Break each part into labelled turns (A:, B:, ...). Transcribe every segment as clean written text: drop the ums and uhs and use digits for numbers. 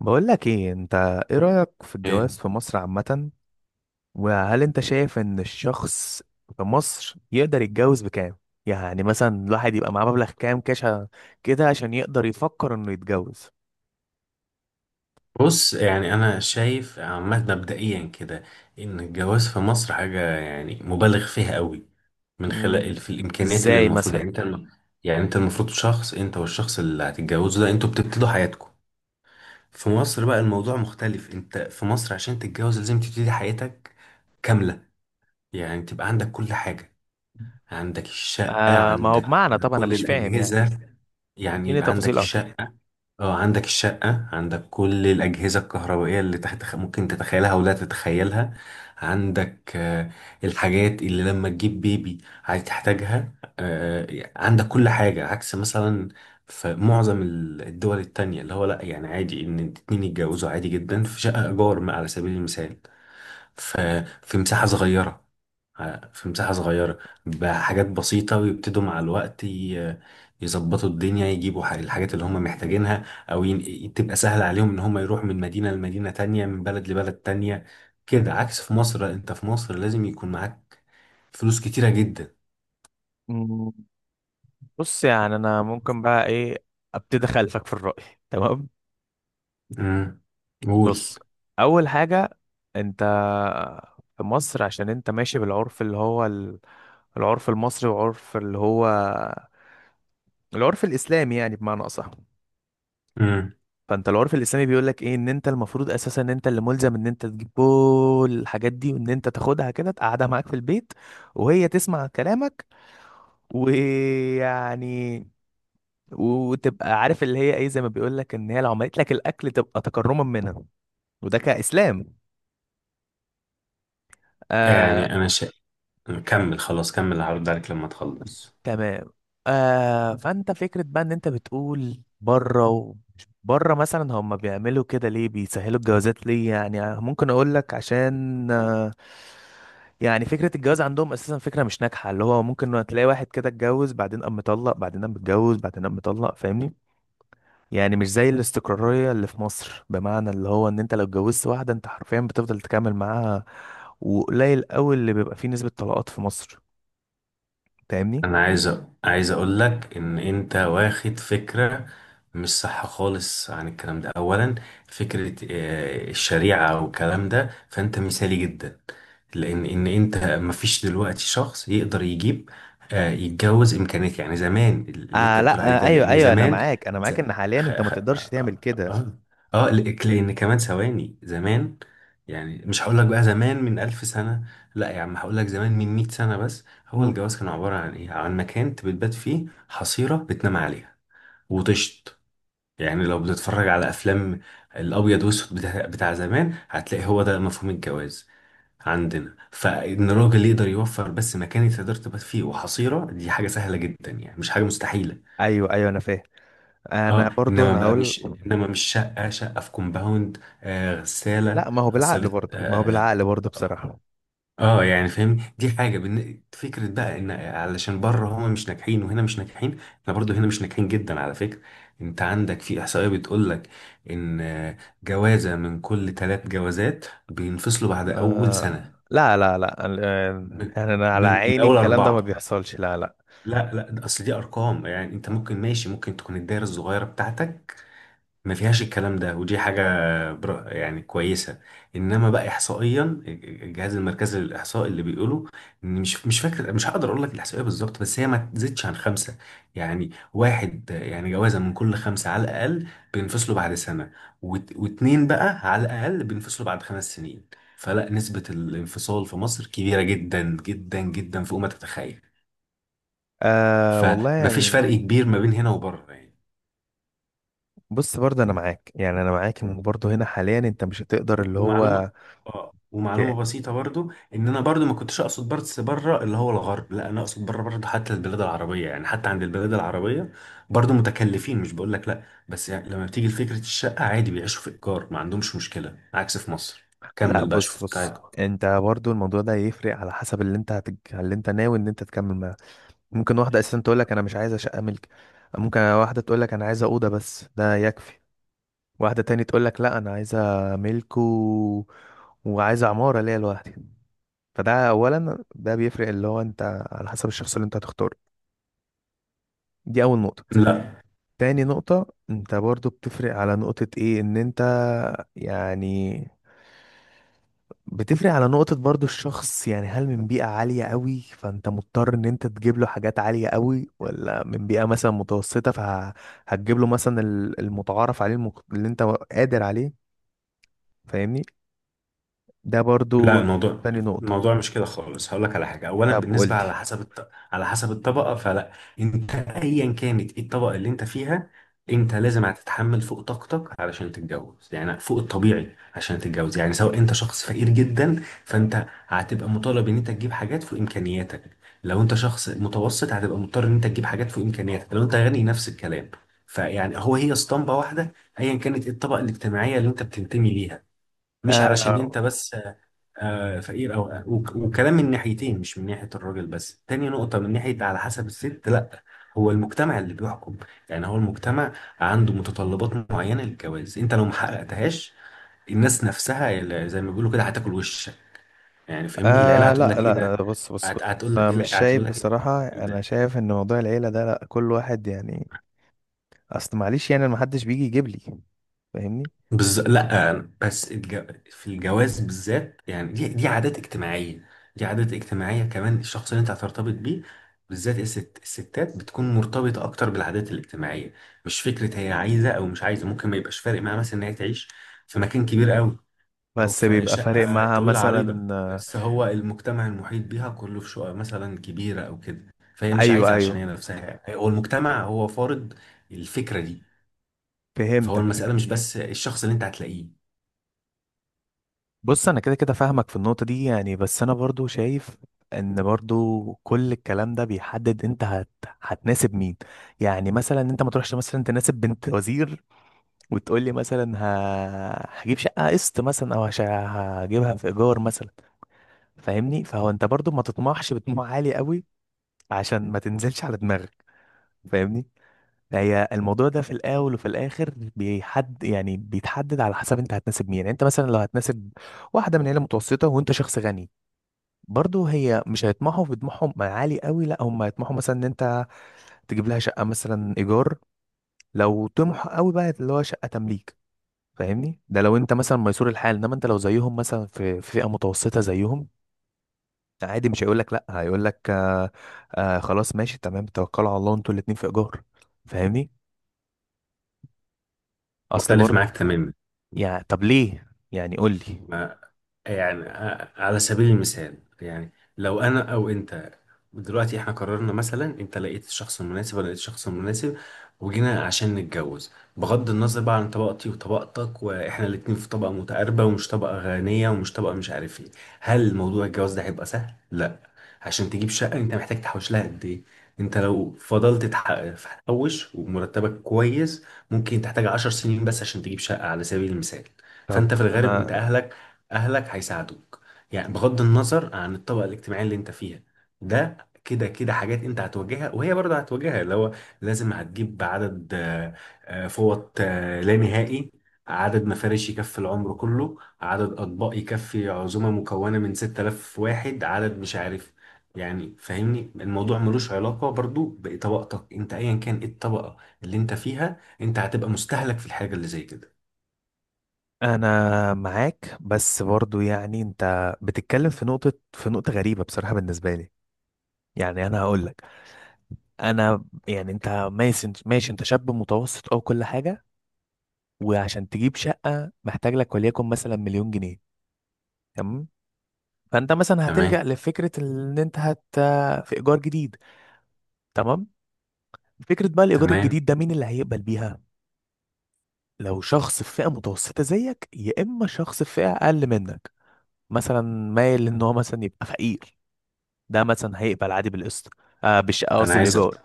A: بقول لك ايه انت؟ ايه رأيك في
B: إيه.
A: الجواز في مصر عامة؟ وهل انت شايف ان الشخص في مصر يقدر يتجوز بكام؟ يعني مثلا الواحد يبقى معاه مبلغ كام كاش كده عشان يقدر يفكر انه يتجوز؟
B: بص، يعني انا شايف عامه مبدئيا كده ان الجواز في مصر حاجه يعني مبالغ فيها قوي من خلال
A: مم.
B: في الامكانيات اللي
A: ازاي
B: المفروض يعني
A: مثلا؟
B: يعني انت المفروض شخص، انت والشخص اللي هتتجوزه ده انتوا بتبتدوا حياتكم. في مصر بقى الموضوع مختلف، انت في مصر عشان تتجوز لازم تبتدي حياتك كامله. يعني تبقى عندك كل حاجه، عندك الشقه،
A: آه، ما هو
B: عندك
A: بمعنى طبعا انا
B: كل
A: مش فاهم يعني.
B: الاجهزه. يعني
A: اديني
B: يبقى عندك
A: تفاصيل اكتر.
B: الشقة، اه عندك الشقة، عندك كل الأجهزة الكهربائية اللي تحت ممكن تتخيلها ولا تتخيلها. عندك الحاجات اللي لما تجيب بيبي هتحتاجها. عندك كل حاجة، عكس مثلا في معظم الدول التانية، اللي هو لأ، يعني عادي إن اتنين يتجوزوا عادي جدا في شقة إيجار على سبيل المثال. ف- في مساحة صغيرة، في مساحة صغيرة بحاجات بسيطة، ويبتدوا مع الوقت يظبطوا الدنيا، يجيبوا الحاجات اللي هم محتاجينها، أو تبقى سهل عليهم إن هم يروحوا من مدينة لمدينة تانية، من بلد لبلد تانية. كده عكس في مصر، لأ، أنت في مصر لازم يكون معاك فلوس كتيرة جدا.
A: مم. بص، يعني انا ممكن بقى ايه، ابتدي اخالفك في الرأي تمام.
B: امم قول.
A: بص، اول حاجه، انت في مصر عشان انت ماشي بالعرف اللي هو العرف المصري، وعرف اللي هو العرف الاسلامي، يعني بمعنى اصح.
B: امم
A: فانت العرف الاسلامي بيقول لك ايه، ان انت المفروض اساسا ان انت اللي ملزم ان انت تجيب كل الحاجات دي، وان انت تاخدها كده تقعدها معاك في البيت، وهي تسمع كلامك، ويعني، وتبقى عارف اللي هي ايه، زي ما بيقول لك ان هي لو عملت لك الاكل تبقى تكرما منها. وده كاسلام. آه.
B: يعني أنا شا... كمل، خلاص كمل، هرد عليك لما تخلص.
A: تمام. آه، فانت فكرة بقى ان انت بتقول بره، ومش بره مثلا هم بيعملوا كده ليه، بيسهلوا الجوازات ليه، يعني ممكن اقول لك عشان يعني فكرة الجواز عندهم اساسا فكرة مش ناجحة، اللي هو ممكن تلاقي واحد كده اتجوز، بعدين قام مطلق، بعدين قام متجوز، بعدين قام مطلق. فاهمني؟ يعني مش زي الاستقرارية اللي في مصر، بمعنى اللي هو ان انت لو اتجوزت واحدة انت حرفيا بتفضل تكمل معاها. وقليل قوي اللي بيبقى فيه نسبة طلاقات في مصر. فاهمني؟
B: انا عايز اقول لك ان انت واخد فكره مش صح خالص عن الكلام ده اولا. فكره الشريعه والكلام ده، فانت مثالي جدا، لان ان انت مفيش دلوقتي شخص يقدر يجيب يتجوز امكانيات، يعني زمان اللي
A: آه،
B: انت بتقول عليه
A: لا، آه،
B: ده،
A: ايوه
B: لان
A: ايوه، انا
B: زمان
A: معاك، انا
B: ز...
A: معاك ان حاليا
B: خ...
A: انت ما
B: خ...
A: تقدرش تعمل
B: اه
A: كده.
B: اه آه، لك- لان كمان ثواني، زمان يعني، مش هقول لك بقى زمان من ألف سنه، لا يا عم، هقول لك زمان من 100 سنه بس. هو
A: مم.
B: الجواز كان عبارة عن إيه؟ عن مكان أنت بتبات فيه، حصيرة بتنام عليها وتشط. يعني لو بتتفرج على أفلام الأبيض وأسود بتاع زمان، هتلاقي هو ده مفهوم الجواز عندنا. فإن الراجل يقدر يوفر بس مكان تقدر تبات فيه وحصيرة، دي حاجة سهلة جدا يعني، مش حاجة مستحيلة.
A: ايوه ايوه، انا فاهم. انا
B: اه،
A: برضو
B: إنما بقى تمام،
A: هقول.
B: مش إنما، مش شقة، شقة في كومباوند، غسالة،
A: لا، ما هو بالعقل
B: غسالة
A: برضو، ما هو بالعقل برضو، بصراحة.
B: اه. يعني فاهم، دي حاجه فكره بقى ان علشان بره هما مش ناجحين وهنا مش ناجحين، احنا برضو هنا مش ناجحين جدا على فكره. انت عندك في احصائيه بتقول لك ان جوازه من كل 3 جوازات بينفصلوا بعد اول
A: آه،
B: سنه.
A: لا، لا، لا. آه،
B: من
A: يعني انا على
B: من
A: عيني
B: اول
A: الكلام ده ما
B: اربعه.
A: بيحصلش. لا، لا.
B: لا لا، ده اصل دي ارقام، يعني انت ممكن ماشي، ممكن تكون الدايره الصغيره بتاعتك ما فيهاش الكلام ده، ودي حاجة يعني كويسة. انما بقى احصائيا الجهاز المركزي للاحصاء اللي بيقوله ان مش فاكر، مش هقدر اقول لك الاحصائية بالظبط، بس هي ما تزيدش عن خمسة، يعني واحد، يعني جوازة من كل خمسة على الاقل بينفصلوا بعد سنة، واتنين بقى على الاقل بينفصلوا بعد 5 سنين. فلا، نسبة الانفصال في مصر كبيرة جدا جدا جدا، فوق ما تتخيل.
A: آه والله
B: فما فيش
A: يعني،
B: فرق كبير ما بين هنا وبره يعني.
A: بص، برضه انا معاك، يعني انا معاك ان برضه هنا حاليا انت مش هتقدر اللي هو.
B: ومعلومه اه
A: ت...
B: ومعلومه بسيطه برضو، ان انا برضو ما كنتش اقصد بس بره اللي هو الغرب، لا، انا اقصد بره برضو، حتى البلاد العربيه، يعني حتى عند البلاد العربيه برضو متكلفين، مش بقول لك لا، بس يعني لما بتيجي لفكره الشقه، عادي بيعيشوا في ايجار، ما عندهمش مشكله، عكس في مصر.
A: لا،
B: كمل بقى،
A: بص
B: شوف،
A: بص،
B: تعال.
A: انت برضه الموضوع ده يفرق على حسب اللي انت اللي انت ناوي ان انت تكمل معاه. ممكن واحدة أساسا تقول لك أنا مش عايزة شقة ملك. ممكن واحدة تقول لك أنا عايزة أوضة بس ده يكفي. واحدة تاني تقول لك لا أنا عايزة ملك وعايزة عمارة ليا لوحدي. فده أولا، ده بيفرق اللي هو أنت على حسب الشخص اللي أنت هتختاره. دي أول نقطة.
B: لا
A: تاني نقطة، أنت برضو بتفرق على نقطة إيه، إن أنت يعني بتفرق على نقطة برضو الشخص، يعني هل من بيئة عالية قوي فانت مضطر ان انت تجيب له حاجات عالية قوي، ولا من بيئة مثلا متوسطة فهتجيب له مثلا المتعارف عليه اللي انت قادر عليه. فاهمني؟ ده برضو
B: لا، الموضوع
A: تاني نقطة.
B: الموضوع مش كده خالص. هقول لك على حاجه، اولا
A: طب قول
B: بالنسبه على
A: لي.
B: حسب على حسب الطبقه، فلا، انت ايا كانت ايه الطبقه اللي انت فيها، انت لازم هتتحمل فوق طاقتك علشان تتجوز، يعني فوق الطبيعي عشان تتجوز، يعني سواء انت شخص فقير جدا، فانت هتبقى مطالب ان انت تجيب حاجات فوق امكانياتك، لو انت شخص متوسط هتبقى مضطر ان انت تجيب حاجات فوق امكانياتك، لو انت غني نفس الكلام. فيعني هو هي اسطمبه واحده، ايا كانت ايه الطبقه الاجتماعيه اللي انت بتنتمي ليها، مش علشان
A: آه،
B: انت بس آه فقير او وكلام، من ناحيتين، مش من ناحيه الراجل بس، تاني نقطه من ناحيه على حسب الست، لا، هو المجتمع اللي بيحكم، يعني هو المجتمع عنده متطلبات معينه للجواز، انت لو ما حققتهاش الناس نفسها اللي زي ما بيقولوا كده هتاكل وشك. يعني فاهمني، العيله
A: آه،
B: هتقول لك
A: لا،
B: ايه ده،
A: لا، بص بص بص،
B: هتقول لك
A: انا مش
B: ايه،
A: شايف
B: هتقول لك
A: بصراحة،
B: ايه
A: انا
B: ده.
A: شايف ان موضوع العيلة ده لا كل واحد يعني. اصل معلش، يعني محدش بيجي يجيب لي. فاهمني؟
B: لا بس في الجواز بالذات، يعني دي عادات اجتماعيه، دي عادات اجتماعيه. كمان الشخص اللي انت هترتبط بيه بالذات، الستات بتكون مرتبطه اكتر بالعادات الاجتماعيه، مش فكره هي عايزه او مش عايزه. ممكن ما يبقاش فارق معاها مثلا ان هي تعيش في مكان كبير قوي، او
A: بس
B: في
A: بيبقى فارق
B: شقه
A: معاها
B: طويله عريضه،
A: مثلا. آه.
B: بس هو المجتمع المحيط بيها كله في شقه مثلا كبيره او كده، فهي مش
A: ايوه
B: عايزه، علشان
A: ايوه،
B: هي نفسها، هو المجتمع هو فارض الفكره دي. فهو
A: فهمتك،
B: المساله مش
A: فهمت.
B: بس الشخص اللي انت هتلاقيه.
A: بص، انا كده كده فاهمك في النقطة دي، يعني بس انا برضو شايف ان برضو كل الكلام ده بيحدد انت هتناسب مين. يعني مثلا انت ما تروحش مثلا تناسب بنت وزير، وتقول لي مثلا هجيب شقة قسط مثلا، او هجيبها في ايجار مثلا. فاهمني؟ فهو انت برضو ما تطمحش بطموح عالي قوي، عشان ما تنزلش على دماغك. فاهمني؟ هي الموضوع ده في الاول وفي الاخر يعني بيتحدد على حسب انت هتناسب مين. يعني انت مثلا لو هتناسب واحده من عيله متوسطه وانت شخص غني، برضه هي مش هيطمحوا في طموحهم عالي قوي، لا هم هيطمحوا مثلا ان انت تجيب لها شقه مثلا ايجار. لو طمح قوي بقى اللي هو شقه تمليك. فاهمني؟ ده لو انت مثلا ميسور الحال، انما انت لو زيهم مثلا في فئه متوسطه زيهم، عادي مش هيقول لك لا، هيقول لك آه، آه خلاص ماشي تمام، توكلوا على الله انتوا الاتنين في ايجار. فاهمني؟ اصل،
B: مختلف معاك تماما.
A: يعني طب ليه يعني قول لي.
B: ما، يعني على سبيل المثال، يعني لو انا او انت دلوقتي احنا قررنا، مثلا انت لقيت الشخص المناسب ولا لقيت الشخص المناسب، وجينا عشان نتجوز، بغض النظر بقى عن طبقتي وطبقتك، واحنا الاتنين في طبقة متقاربة ومش طبقة غنية ومش طبقة مش عارف ايه، هل موضوع الجواز ده هيبقى سهل؟ لا. عشان تجيب شقة انت محتاج تحوش لها قد ايه؟ انت لو فضلت تحوش ومرتبك كويس، ممكن تحتاج 10 سنين بس عشان تجيب شقة على سبيل المثال. فانت
A: طب
B: في الغالب
A: انا
B: انت اهلك هيساعدوك، يعني بغض النظر عن الطبقه الاجتماعيه اللي انت فيها ده، كده كده حاجات انت هتواجهها وهي برضه هتواجهها، اللي هو لازم هتجيب عدد فوط لا نهائي، عدد مفارش يكفي العمر كله، عدد اطباق يكفي عزومه مكونه من 6000 واحد، عدد مش عارف. يعني فاهمني، الموضوع ملوش علاقه برضو بطبقتك، انت ايا كان ايه الطبقه اللي انت فيها انت هتبقى مستهلك في الحاجه اللي زي كده.
A: انا معاك، بس برضو يعني انت بتتكلم في نقطة غريبة بصراحة بالنسبة لي. يعني انا هقول لك، انا يعني انت ماشي ماشي، انت شاب متوسط او كل حاجة، وعشان تجيب شقة محتاج لك وليكن مثلا مليون جنيه. تمام. فانت مثلا
B: تمام،
A: هتلجأ لفكرة ان انت في ايجار جديد. تمام. فكرة بقى الايجار
B: تمام.
A: الجديد ده، مين اللي هيقبل بيها؟ لو شخص في فئة متوسطة زيك، يا اما شخص في فئة اقل منك، مثلا مايل ان هو مثلا يبقى فقير، ده مثلا هيقبل عادي بالقسط. آه،
B: انا
A: قصدي
B: عايز،
A: الايجار.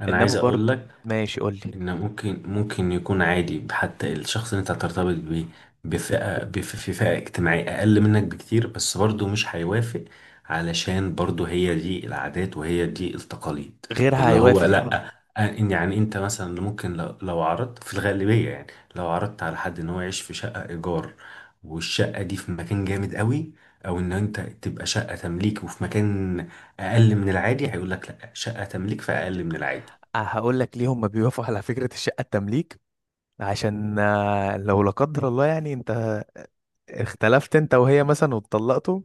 B: انا
A: انما
B: عايز اقول
A: برضه
B: لك
A: ماشي، قول لي.
B: ان ممكن، ممكن يكون عادي حتى الشخص اللي انت هترتبط بيه في فئة اجتماعية اقل منك بكتير، بس برضه مش هيوافق، علشان برضه هي دي العادات وهي دي التقاليد،
A: غيرها
B: اللي هو
A: هيوافق.
B: لا، إن يعني انت مثلا ممكن، لو عرضت، في الغالبية يعني، لو عرضت على حد ان هو يعيش في شقة ايجار والشقة دي في مكان جامد قوي، او ان انت تبقى شقة تمليك وفي مكان اقل من العادي، هيقول لك لا، شقة تمليك فاقل من العادي.
A: آه، هقول لك ليه هم بيوافقوا على فكرة الشقة التمليك، عشان آه لو لا قدر الله يعني انت اختلفت انت وهي مثلا واتطلقتوا،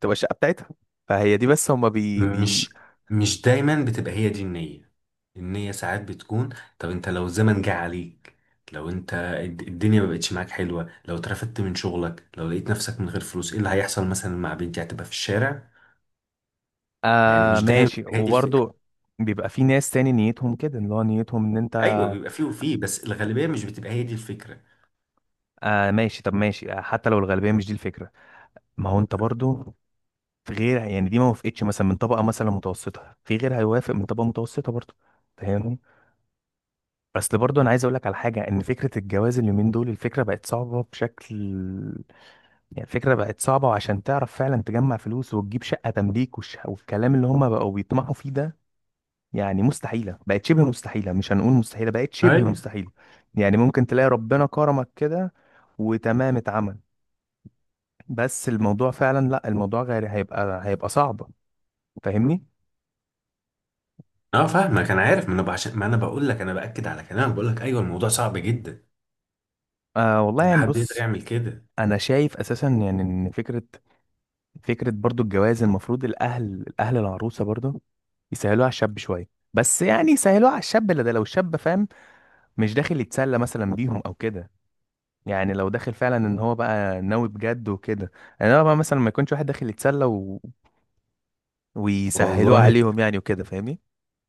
A: تبقى الشقة بتاعتها. فهي دي بس هم بي بي
B: مش مش دايما بتبقى هي دي النية، النية ساعات بتكون، طب انت لو الزمن جه عليك، لو انت الدنيا ما بقتش معاك حلوة، لو اترفدت من شغلك، لو لقيت نفسك من غير فلوس، ايه اللي هيحصل مثلا مع بنتي؟ هتبقى في الشارع. يعني
A: آه،
B: مش دايما
A: ماشي
B: بتبقى هي دي الفكرة.
A: وبرضه بيبقى في ناس تاني نيتهم كده، اللي هو نيتهم ان انت.
B: ايوه، بيبقى فيه وفيه، بس الغالبية مش بتبقى هي دي الفكرة.
A: آه، ماشي، طب ماشي، آه، حتى لو الغالبية مش دي الفكرة، ما هو انت برضو في غير، يعني دي ما وافقتش مثلا من طبقه مثلا متوسطه، في غير هيوافق من طبقه متوسطه برضه. فاهمني؟ اصل برضه انا عايز اقول لك على حاجه، ان فكره الجواز اليومين دول الفكره بقت صعبه بشكل، يعني الفكره بقت صعبه، وعشان تعرف فعلا تجمع فلوس وتجيب شقه تمليك والكلام اللي هم بقوا بيطمحوا فيه ده، يعني مستحيله، بقت شبه مستحيله، مش هنقول مستحيله بقت شبه
B: ايوه،
A: مستحيله. يعني ممكن تلاقي ربنا كرمك كده وتمام اتعمل. بس الموضوع فعلا لا، الموضوع غير هيبقى صعب. فاهمني؟
B: اه فاهمك، انا عارف، ما انا عشان ما انا بقول لك، انا باكد على كلامك، بقول لك ايوه الموضوع صعب جدا
A: آه والله
B: ان
A: يعني،
B: حد يقدر
A: بص،
B: يعمل كده.
A: انا شايف اساسا يعني ان فكره برضو الجواز، المفروض الاهل العروسه برضو يسهلوها على الشاب شويه، بس يعني يسهلوها على الشاب، اللي ده لو الشاب فاهم، مش داخل يتسلى مثلا بيهم او كده، يعني لو داخل فعلا ان هو بقى ناوي بجد وكده. انا بقى مثلا ما يكونش واحد داخل يتسلى ويسهلوه
B: والله.
A: عليهم يعني وكده. فاهمني؟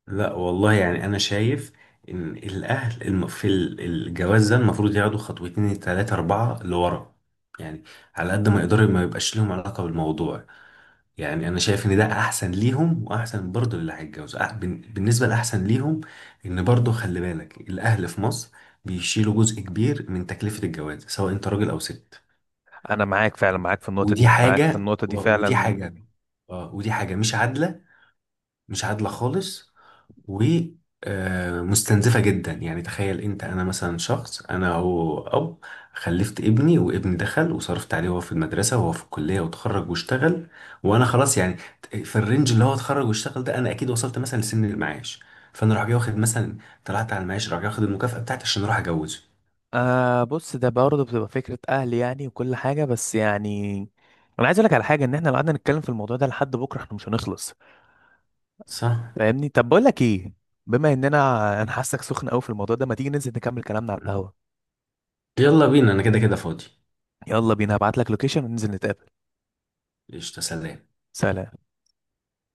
B: لا والله، يعني انا شايف ان الاهل الجواز ده المفروض ياخدوا خطوتين، ثلاثة، اربعة لورا، يعني على قد ما يقدروا ما يبقاش لهم علاقة بالموضوع. يعني انا شايف ان ده احسن ليهم واحسن برضه للي هيتجوز، بالنسبة لاحسن ليهم، ان برضه خلي بالك الاهل في مصر بيشيلوا جزء كبير من تكلفة الجواز، سواء انت راجل او ست.
A: انا معاك فعلا، معاك في النقطه
B: ودي
A: دي، معاك في
B: حاجة
A: النقطه دي
B: ودي
A: فعلا.
B: حاجة، اه ودي حاجة مش عادلة، مش عادلة خالص، ومستنزفة جدا. يعني تخيل انت، انا مثلا شخص، انا هو اب، خلفت ابني وابني دخل وصرفت عليه وهو في المدرسة وهو في الكلية وتخرج واشتغل، وانا خلاص، يعني في الرينج اللي هو اتخرج واشتغل ده انا اكيد وصلت مثلا لسن المعاش، فانا راح جاي واخد مثلا، طلعت على المعاش راح جاي واخد المكافأة بتاعتي عشان اروح اجوزه.
A: آه، بص، ده برضه بتبقى فكره اهل يعني وكل حاجه، بس يعني انا عايز اقول لك على حاجه، ان احنا لو قعدنا نتكلم في الموضوع ده لحد بكره احنا مش هنخلص.
B: صح.
A: فاهمني؟ طب بقول لك ايه، بما اننا، انا حاسك سخن قوي في الموضوع ده، ما تيجي ننزل نكمل كلامنا على القهوة؟
B: يلا بينا، انا كده كده فاضي.
A: يلا بينا، هبعت لك لوكيشن وننزل نتقابل.
B: قشطة، سلام.
A: سلام.